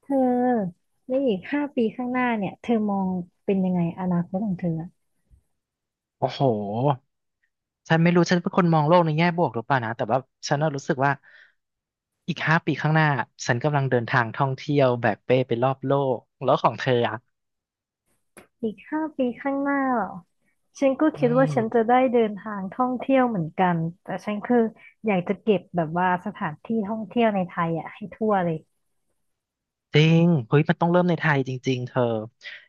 เธอในอีก5 ปี ข้างหน้าเนี่ย เธอมองเป็นยังไงอนาคตของเธออะโอ้โห ฉันไม่รู้ ฉันเป็นคนมองโลกในแง่บวกหรือเปล่านะ แต่ว่าฉันน่ะรู้สึกว่าอีกห้าปีข้างหน้าฉันกำลังเดินทางท่องเที่ยวแบกเป้ไปรอบโลกแล้วของเธออ่ะอีกห้าปี ข้างหน้าเหรอฉันก็อืคิดม ว่าฉันจะได้เดินทางท่องเที่ยวเหมือนกันแต่ฉันคืออยากจะเก็บแบบว่าสถานที่ท่องเที่ยวในไทยอ่ะให้ทั่วเลยจริงเฮ้ยมันต้องเริ่มในไทยจริงๆเธอ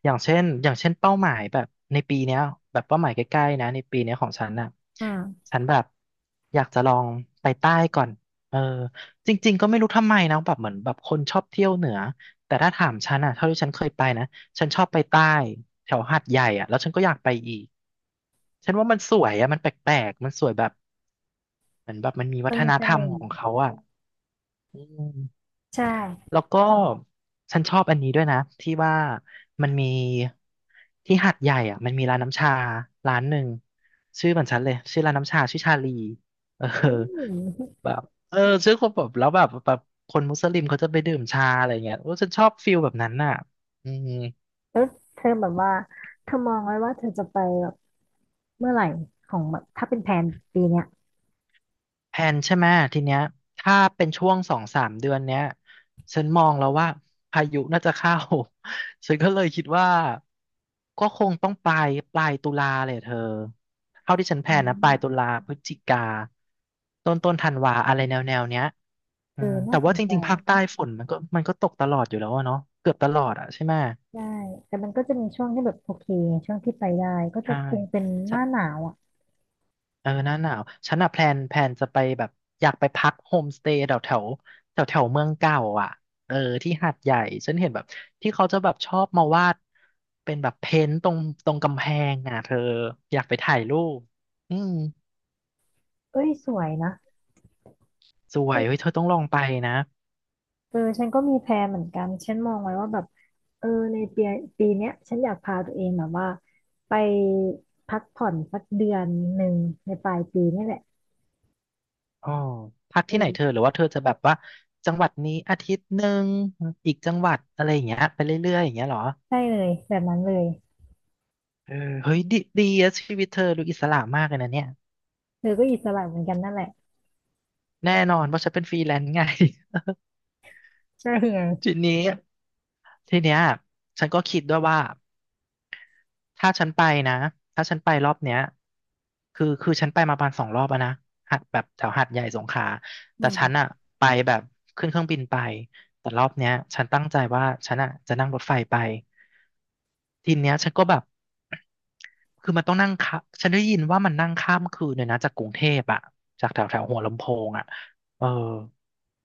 อย่างเช่นเป้าหมายแบบในปีเนี้ยแบบเป้าหมายใกล้ๆนะในปีเนี้ยของฉันน่ะอืมฉันแบบอยากจะลองไปใต้ก่อนเออจริงๆก็ไม่รู้ทำไมนะแบบเหมือนแบบคนชอบเที่ยวเหนือแต่ถ้าถามฉันอ่ะเท่าที่ฉันเคยไปนะฉันชอบไปใต้แถวหาดใหญ่อ่ะแล้วฉันก็อยากไปอีกฉันว่ามันสวยอ่ะมันแปลกๆมันสวยแบบเหมือนแบบมันมีวัมันฒมีนเสธรรมน่ขห์องเขาอ่ะอืม ใช่แล้วก็ฉันชอบอันนี้ด้วยนะที่ว่ามันมีที่หาดใหญ่อ่ะมันมีร้านน้ำชาร้านหนึ่งชื่อเหมือนฉันเลยชื่อร้านน้ำชาชื่อชาลีเอออืมแบบเออชื่อคนแบบแล้วแบบคนมุสลิมเขาจะไปดื่มชาอะไรเงี้ยโอ้ฉันชอบฟิลแบบนั้นน่ะอืม แล้วเธอแบบว่าเธอมองไว้ว่าเธอจะไปแบบเมื่อไหร่ของแบบถ้าเป็นแผนปีเนี้ยแพลนใช่ไหมทีเนี้ยถ้าเป็นช่วง2-3 เดือนเนี้ยฉันมองแล้วว่าพายุน่าจะเข้า ฉันก็เลยคิดว่าก็คงต้องปลายตุลาเลยเธอเท่าที่ฉันแพลอืนนะปลายตุลามพฤศจิกาต้นธันวาอะไรแนวเนี้ยอืเอมอน่าแต่สว่านจใจ ริงๆภาคใต้ฝนมันก็ตกตลอดอยู่แล้วอะเนาะเกือบตลอดอะใช่ไหมได้แต่มันก็จะมีช่วงที่แบบโอเคช่วงที่ไปได้ก็จะใช่ คงเป็นหน้าหนาวอ่ะเออหน้าหนาวฉันอะแพลนจะไปแบบอยากไปพักโฮมสเตย์แถวแถวแถวแถวเมืองเก่าอ่ะเออที่หาดใหญ่ฉันเห็นแบบที่เขาจะแบบชอบมาวาดเป็นแบบเพ้นท์ตรงกำแพงอ่ะเธออยากไปถ่ายรูปอืมเอ้ยสวยนะสวยเฮ้ยเธอต้องลองไปนะเออฉันก็มีแพลนเหมือนกันฉันมองไว้ว่าแบบเออในปีเนี้ยฉันอยากพาตัวเองแบบว่าไปพักผ่อนสักเดือนหนึ่งในปลายปีนี่แหละอ๋อพักที่ไหนเธอเออหรือว่าเธอจะแบบว่าจังหวัดนี้อาทิตย์หนึ่งอีกจังหวัดอะไรอย่างเงี้ยไปเรื่อยๆอย่างเงี้ยเหรอใช่เลยแบบนั้นเลยเออเฮ้ยดีดีอะชีวิตเธอดูอิสระมากเลยนะเนี่ยเธอก็อิสระเหมือนกันนั่นแหละแน่นอนเพราะฉันเป็นฟรีแลนซ์ไง ใช่ไงทีนี้ทีเนี้ยฉันก็คิดด้วยว่าถ้าฉันไปนะถ้าฉันไปรอบเนี้ยคือฉันไปมาประมาณ2 รอบอะนะหัดแบบแถวหาดใหญ่สงขลาอืแต่ฉันมอะไปแบบขึ้นเครื่องบินไปแต่รอบเนี้ยฉันตั้งใจว่าฉันอะจะนั่งรถไฟไปทีเนี้ยฉันก็แบบคือมันต้องนั่งค่ะฉันได้ยินว่ามันนั่งข้ามคืนเลยนะจากกรุงเทพอะจากแถวแถวหัวลำโพงอะเออ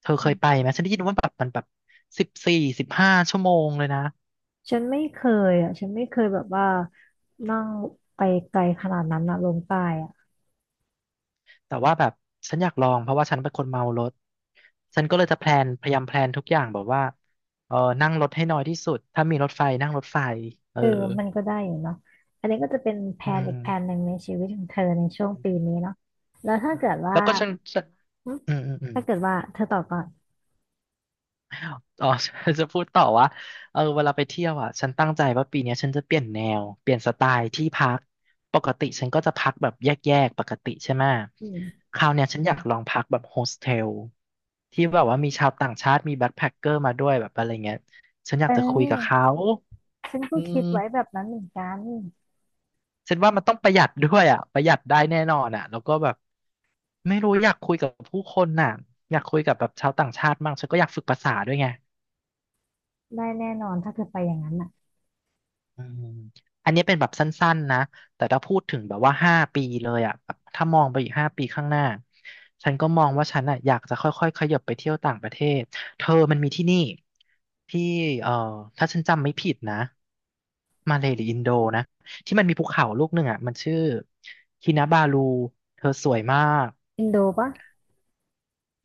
เธอเคยไปไหมฉันได้ยินว่าแบบมันแบบ14-15 ชั่วโมงเลยนะ ฉันไม่เคยอ่ะฉันไม่เคยแบบว่านั่งไปไกลขนาดนั้นนะลงใต้อะ แต่ว่าแบบฉันอยากลองเพราะว่าฉันเป็นคนเมารถฉันก็เลยจะแพลนพยายามแพลนทุกอย่างแบบว่าเออนั่งรถให้น้อยที่สุดถ้ามีรถไฟนั่งรถไฟเออเออมันก็ได้อยู่เนาะอันนี้ก็จะเป็นแผอืนอีกแผนหมนึ่งในชีวิตของเธอในช่วงปีนี้เนาะแล้วถ้าเกิดว่าแล้วก็ฉันหึอืมอืมอืม ถ้าเกิดว่าเธอตอบก่อนอ๋อ จะพูดต่อว่าเออเวลาไปเที่ยวอ่ะฉันตั้งใจว่าปีเนี้ยฉันจะเปลี่ยนแนวเปลี่ยนสไตล์ที่พักปกติฉันก็จะพักแบบแยกๆปกติใช่ไหมอืมคราวเนี้ยฉันอยากลองพักแบบโฮสเทลที่แบบว่ามีชาวต่างชาติมีแบ็คแพ็คเกอร์มาด้วยแบบอะไรเงี้ยฉันอเยากจะคุยกับออเขาฉันก็อืคิดไว้แบมบนั้นเหมือนกันฉันว่ามันต้องประหยัดด้วยอ่ะประหยัดได้แน่นอนอ่ะแล้วก็แบบไม่รู้อยากคุยกับผู้คนน่ะอยากคุยกับแบบชาวต่างชาติมั่งฉันก็อยากฝึกภาษาด้วยไง ได้แน่นอนถ้าเธอไปอย่างนั้นอ่ะอืมอันนี้เป็นแบบสั้นๆนะ แต่ถ้าพูดถึงแบบว่าห้าปีเลยอ่ะแบบถ้ามองไปอีกห้าปีข้างหน้า ฉันก็มองว่าฉันอ่ะอยากจะค่อยๆขยับไปเที่ยวต่างประเทศ เธอมันมีที่นี่ที่เอ่อถ้าฉันจำไม่ผิดนะมาเลย์หรืออินโดนะที่มันมีภูเขาลูกหนึ่งอ่ะมันชื่อคินาบาลูเธอสวยมากอินโดปะ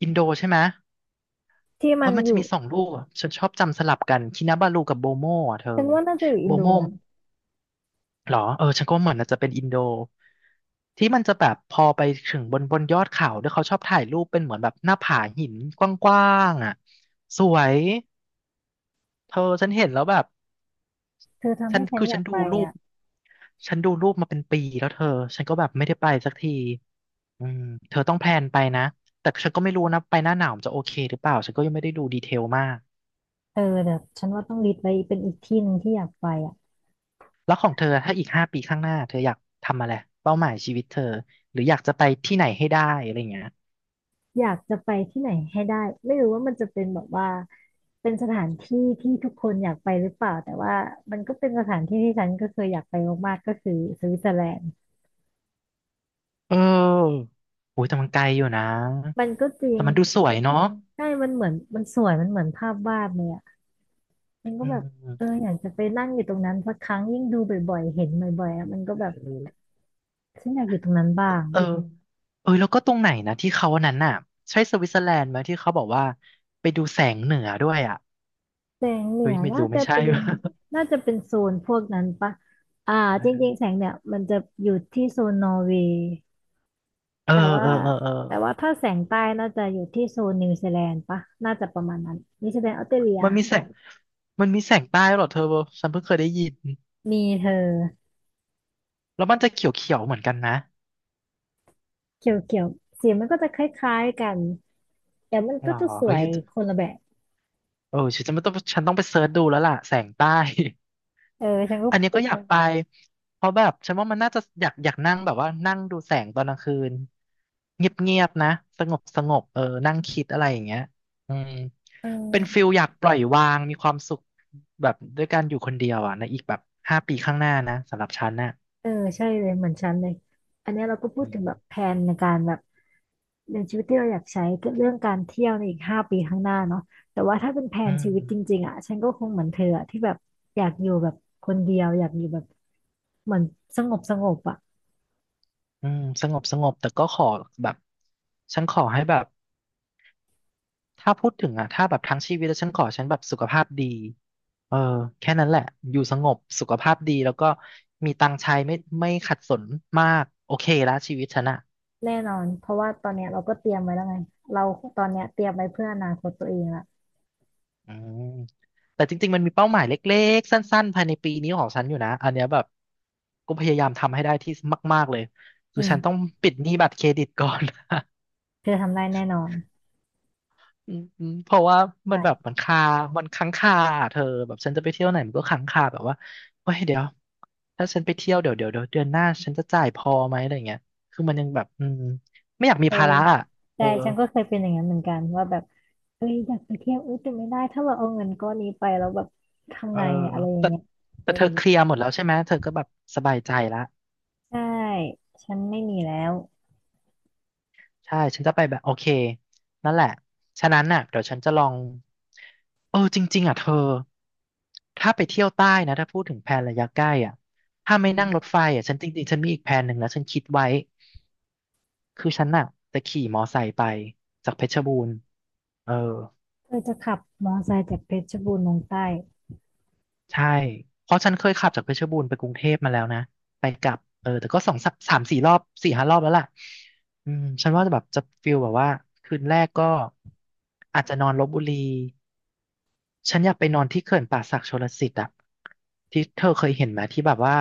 อินโดใช่ไหมที่เอมัอนมันอจะยู่มีสองลูกอะฉันชอบจำสลับกันคินาบาลูกับโบโมอ่ะเธอฉันว่าน่าจะอยู่อิโบนโดโม นะหรอฉันก็ว่าเหมือนอาจจะเป็นอินโดที่มันจะแบบพอไปถึงบนยอดเขาด้วยเขาชอบถ่ายรูปเป็นเหมือนแบบหน้าผาหินกว้างๆอ่ะสวยเธอฉันเห็นแล้วแบบเธอทำฉัให้นฉันคืออฉัยากนไปดูรูปอ่ะฉันดูรูปมาเป็นปีแล้วเธอฉันก็แบบไม่ได้ไปสักทีอืมเธอต้องแพลนไปนะแต่ฉันก็ไม่รู้นะไปหน้าหนาวมันจะโอเคหรือเปล่าฉันก็ยังไม่ได้ดูดีเทลมากเออเดี๋ยวฉันว่าต้องลิสต์ไว้เป็นอีกที่หนึ่งที่อยากไปอ่ะ แล้วของเธอถ้าอีกห้าปีข้างหน้าเธออยากทำอะไรเป้าหมายชีวิตเธอหรืออยากจะไปที่ไหนให้ได้อะไรอย่างเงี้ย อยากจะไปที่ไหนให้ได้ไม่รู้ว่ามันจะเป็นแบบว่าเป็นสถานที่ที่ทุกคนอยากไปหรือเปล่าแต่ว่ามันก็เป็นสถานที่ที่ฉันก็เคยอยากไปมากๆก็คือสวิตเซอร์แลนด์เออ โอ้ยแต่มันไกลอยู่นะมันก็จริแต่งมันดูสวยเนาะใช่มันเหมือนมันสวยมันเหมือนภาพวาดเลยอ่ะมันก็อืแบบเออมอยากจะไปนั่งอยู่ตรงนั้นสักครั้งยิ่งดูบ่อยๆเห็นบ่อยๆอ่ะมันก็แบบเฉันอยากอยู่ตรงนั้นบ้างออ เออแล้วก็ตรงไหนนะที่เขาอันนั้นน่ะใช่สวิตเซอร์แลนด์ไหมที่เขาบอกว่าไปดูแสงเหนือด้วยอ่ะแสงเหนืเฮ้ยอไม่น่ารู้ไม่จะใช่ เป็นน่าจะเป็นโซนพวกนั้นปะอ่าจริง ๆแสงเนี่ยมันจะอยู่ที่โซนนอร์เวย์ เออแต่ว่าเออเออเออแต่ว่าถ้าแสงใต้น่าจะอยู่ที่โซนนิวซีแลนด์ปะน่าจะประมาณนั้นนิวซีแลนด์ออสเตรเลียมันมีแสง มันมีแสงใต้เหรอเธอฉันเพิ่งเคยได้ยินมีเธอแล้วมันจะเขียวเขียวเหมือนกันนะเขียวเขียวสีมันก็จะคล้ายๆกันแต่มันหรก็อจะสเฮ้วยยคนละแบบเออฉันจะไม่ต้องฉันต้องไปเซิร์ชดูแล้วล่ะแสงใต้ เออฉันก็อันนี้ไปก็อยากไปเพราะแบบฉันว่ามันน่าจะอยากนั่งแบบว่านั่งดูแสงตอนกลางคืนเงียบๆนะสงบสงบเออนั่งคิดอะไรอย่างเงี้ยอืมเอเป็นอฟิลอยากปล่อยวางมีความสุขแบบด้วยการอยู่คนเดียวอ่ะในอีกแบบห้าปีข้างหน้านะสำหรับฉันน่ะเออใช่เลยเหมือนฉันเลยอันเนี้ยเราก็พูดอืถึงมแบบแผนในการแบบเรื่ชีวิตที่เราอยากใช้ก็เรื่องการเที่ยวในอีก5 ปีข้างหน้าเนาะแต่ว่าถ้าเป็นแผอืนชีวิตจมริงๆอ่ะฉันก็คงเหมือนเธออะที่แบบอยากอยู่แบบคนเดียวอยากอยู่แบบเหมือนสงบสงบอ่ะ อืมสงบสงบแต่ก็ขอแบบฉันขอให้แบบถ้าพูดถึงอ่ะถ้าแบบทั้งชีวิตแล้วฉันแบบสุขภาพดี เออแค่นั้นแหละอยู่สงบสุขภาพดีแล้วก็มีตังค์ใช้ไม่ขัดสนมากโอเคละชีวิตฉันอะแน่นอนเพราะว่าตอนเนี้ยเราก็เตรียมไว้แล้วไงเราตอนเนี้ยเตรียมไว้เพื่ออนาคตตัวเองละอืมแต่จริงๆมันมีเป้าหมายเล็กๆสั้นๆภายในปีนี้ของฉันอยู่นะอันเนี้ยแบบก็พยายามทำให้ได้ที่มากๆเลยอืคือฉันมต้องปิดหนี้บัตรเครดิตก่อน เธอทำได้แน่นอนอืมเพราะว่ามันแบบใช่มันค้างคาอะเธอแบบฉันจะไปเที่ยวไหนมันก็ค้างคาแบบว่าเฮ้ยเดี๋ยวถ้าฉันไปเที่ยวเดี๋ยวเดือนหน้าฉันจะจ่ายพอไหมอะไรเงี้ยคือมันยังแบบอืมไม่อยากมีเออภาระอ่ะเอใช่อฉันก็เคยเป็นอย่างนั้นเหมือนกันว่าแบบเอ้ยอยากไปเที่ยวอุ้ยแต่ไม่ได้ถ้าเราเอาเงินก้อนนี้ไปแล้วแบบเอทำอไงอะอะไรอย่างแต่เงี้ยแต่เธอเคลียร์หมดแล้วใช่ไหมเธอก็แบบสบายใจละใช่ฉันไม่มีแล้วใช่ฉันจะไปแบบโอเคนั่นแหละฉะนั้นน่ะเดี๋ยวฉันจะลองเออจริงๆอ่ะเธอ ถ้าไปเที่ยวใต้นะถ้าพูดถึงแพนระยะใกล้อ่ะถ้าไม่อืนั่งรมถไฟอ่ะฉันจริงๆฉันมีอีกแผนหนึ่งแล้วฉันคิดไว้คือฉันอ่ะจะขี่มอไซค์ไปจากเพชรบูรณ์เออเธอจะขับมอเตอร์ไซค์จากเพชรบูรณ์ลงใต้ใช่เพราะฉันเคยขับจากเพชรบูรณ์ไปกรุงเทพมาแล้วนะไปกลับเออแต่ก็สองสามสี่รอบสี่ห้ารอบแล้วล่ะอืมฉันว่าจะแบบจะฟิลแบบว่าคืนแรกก็อาจจะนอนลพบุรี ฉันอยากไปนอนที่เขื่อนป่าสักชลสิทธิ์อะที่เธอเคยเห็นไหมที่แบบว่า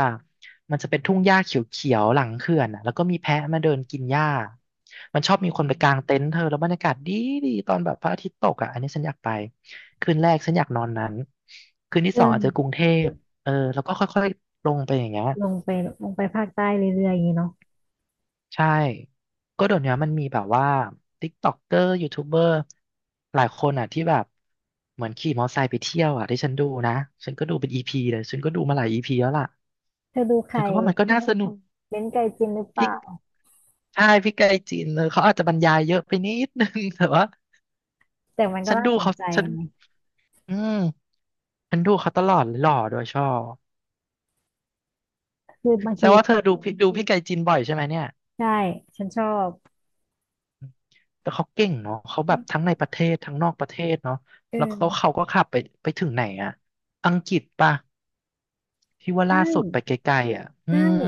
มันจะเป็นทุ่งหญ้าเขียวๆหลังเขื่อนอะแล้วก็มีแพะมาเดินกินหญ้ามันชอบมีคนไปกางเต็นท์เธอแล้วบรรยากาศดีตอนแบบพระอาทิตย์ตกอะอันนี้ฉันอยากไปคืนแรกฉันอยากนอนนั้นคืนที่เอสองอาจจะกรุงอเทพเออแล้วก็ค่อยๆลงไปอย่างเงี้ย ลงไปลงไปภาคใต้เรื่อยๆอย่างงี้เนาะใช่ ก็เดี๋ยวนี้มันมีแบบว่าติ๊กต็อกเกอร์ยูทูบเบอร์หลายคนอ่ะที่แบบเหมือนขี่มอเตอร์ไซค์ไปเที่ยวอ่ะที่ฉันดูนะฉันก็ดูเป็นอีพีเลยฉันก็ดูมาหลายอีพีแล้วล่ะเธอดูใคฉัรนก็ว่ามันก็น่าสนุกเบ้นไกจินหรือเปพลิล่ากใช่พี่ไกจีนเลยเขาอาจจะบรรยายเยอะไปนิดนึง แต่ว่าแต่มันก็ฉันน่าดูสนเขาใจฉันไงอืมฉันดูเขาตลอดเลยหล่อโดวยชอบคือบางแสดที งว่าเธอดูพี่ไกลจีนบ่อยใช่ไหมเนี่ย ใช่ฉันชอบแต่เขาเก่งเนาะเขาแบบทั้งในประเทศทั้งนอกประเทศเนาะเอแล้วเขาอก็ขับไปไปถึงไหนอะอังกฤษป่ะที่ว่าใช่ล่าสุดไปไกลๆอ่ะใช่อืม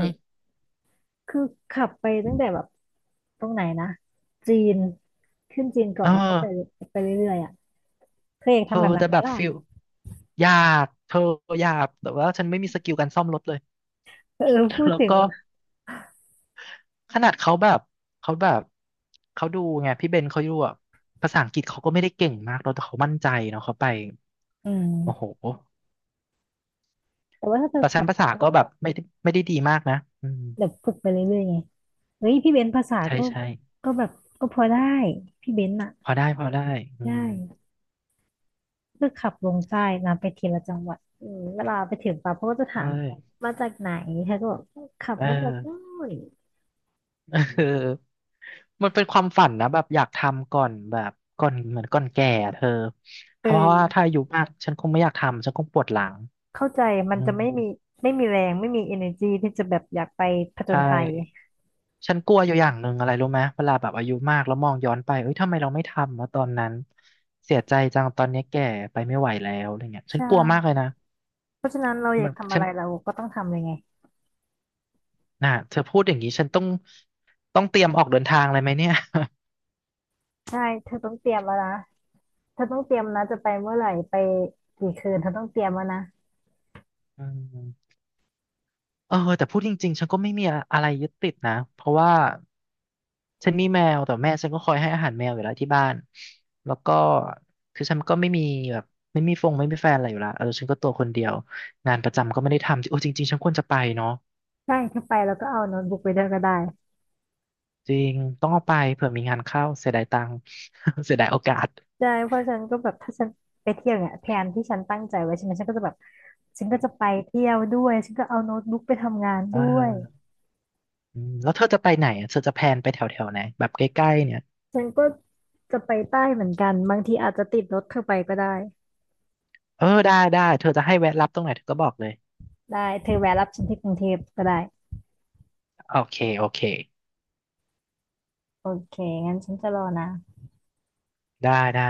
คือขับไปตั้งแต่แบบตรงไหนนะจีนขึ้นจีนก่อเออนแล้วก็ไปไปเรื่อยๆอ่ะเธออยากเธทำอแบบนั้แต่นไหมแบบล่ะฟิลหยาบเธอหยาบแต่ว่าฉันไม่มีสกิลการซ่อมรถเลย เออ พู ดแล้วถึงก็ว่าขนาดเขาแบบเขาดูไงพี่เบนเขาดูอ่ะภาษาอังกฤษเขาก็ไม่ได้เก่งมากเราแต่เขามั่นใจเนาะเขาไปอืมโอ้โหแต่ว่าถ้าเธอแต่ฉัขันบภาษาก็แบบไม่ได้ดีมากนะอืมแบบฝึกไปเรื่อยๆไงเฮ้ยพี่เบนซ์ภาษาใช่ก็ใช่ ก็แบบก็พอได้พี่เบนซ์อ่ะพอได้พอได้อืได้มก็ขับลงใต้นะไปทีละจังหวัดอืมเวลาไปถึงปั๊บเขาก็จะถาใช่มมาจากไหนเธอก็บอกขับเอมาจากนู่อ น เออมันเป็นความฝันนะแบบอยากทำก่อนแบบก่อนก่อนแก่อะเธอเพเอราะว่าถ้าอ อายุมากฉันคงไม่อยากทำฉันคงปวดหลังเข้าใจมัอืนจะมไม่มีไม่มีแรงไม่มี energy ที่จะแบบอยากไปผจใช่ญภัยฉันกลัวอยู่อย่างหนึ่งอะไรรู้ไหมเวลาแบบอายุมากแล้วมองย้อนไปเอ้ยทำไมเราไม่ทำวะตอนนั้นเสียใจจังตอนนี้แก่ไปไม่ไหวแล้วอะไรเงี้ยใฉันกลัวมากช่เลยนะเพราะฉะนั้นเราอยามักนทำอะฉันไรเราก็ต้องทำเลยไงน่ะเธอพูดอย่างนี้ฉันต้องเตรียมออกเดินทางเลยไหมเนี่ย ใช่เธอต้องเตรียมแล้วนะเธอต้องเตรียมนะจะไปเมื่อไหร่ไปกี่คืนเธอต้องเตรียมแล้วนะ อืม เออแต่พูดจริงๆฉันก็ไม่มีอะไรยึดติดนะเพราะว่าฉันมีแมวแต่แม่ฉันก็คอยให้อาหารแมวอยู่แล้วที่บ้านแล้วก็คือฉันก็ไม่มีแบบไม่มีฟงไม่มีแฟนอะไรอยู่แล้วเออฉันก็ตัวคนเดียวงานประจำก็ไม่ได้ทำโอ้จริงๆฉันควรจะไปเนาะใช่ถ้าไปแล้วก็เอาโน้ตบุ๊กไปด้วยก็ได้จริงต้องเอาไปเผื่อมีงานเข้าเสียดายตังค์ เสียดายโอกาสใช่เพราะฉันก็แบบถ้าฉันไปเที่ยวเนี่ยแผนที่ฉันตั้งใจไว้ใช่ไหมฉันก็จะแบบฉันก็จะไปเที่ยวด้วยฉันก็เอาโน้ตบุ๊กไปทำงานเด้วยอออืมแล้วเธอจะไปไหนอะเธอจะแพลนไปแถวแถวไหนแบบใกล้ๆเนี่ยฉันก็จะไปใต้เหมือนกันบางทีอาจจะติดรถเธอไปก็ได้ เออได้ได้เธอจะให้แวะรับตรงไหนเธอก็บอกเลยได้เธอแวะรับฉันที่กรุงเทพก็ได้โอเคโอเคโอเคงั้นฉันจะรอนะได้ได้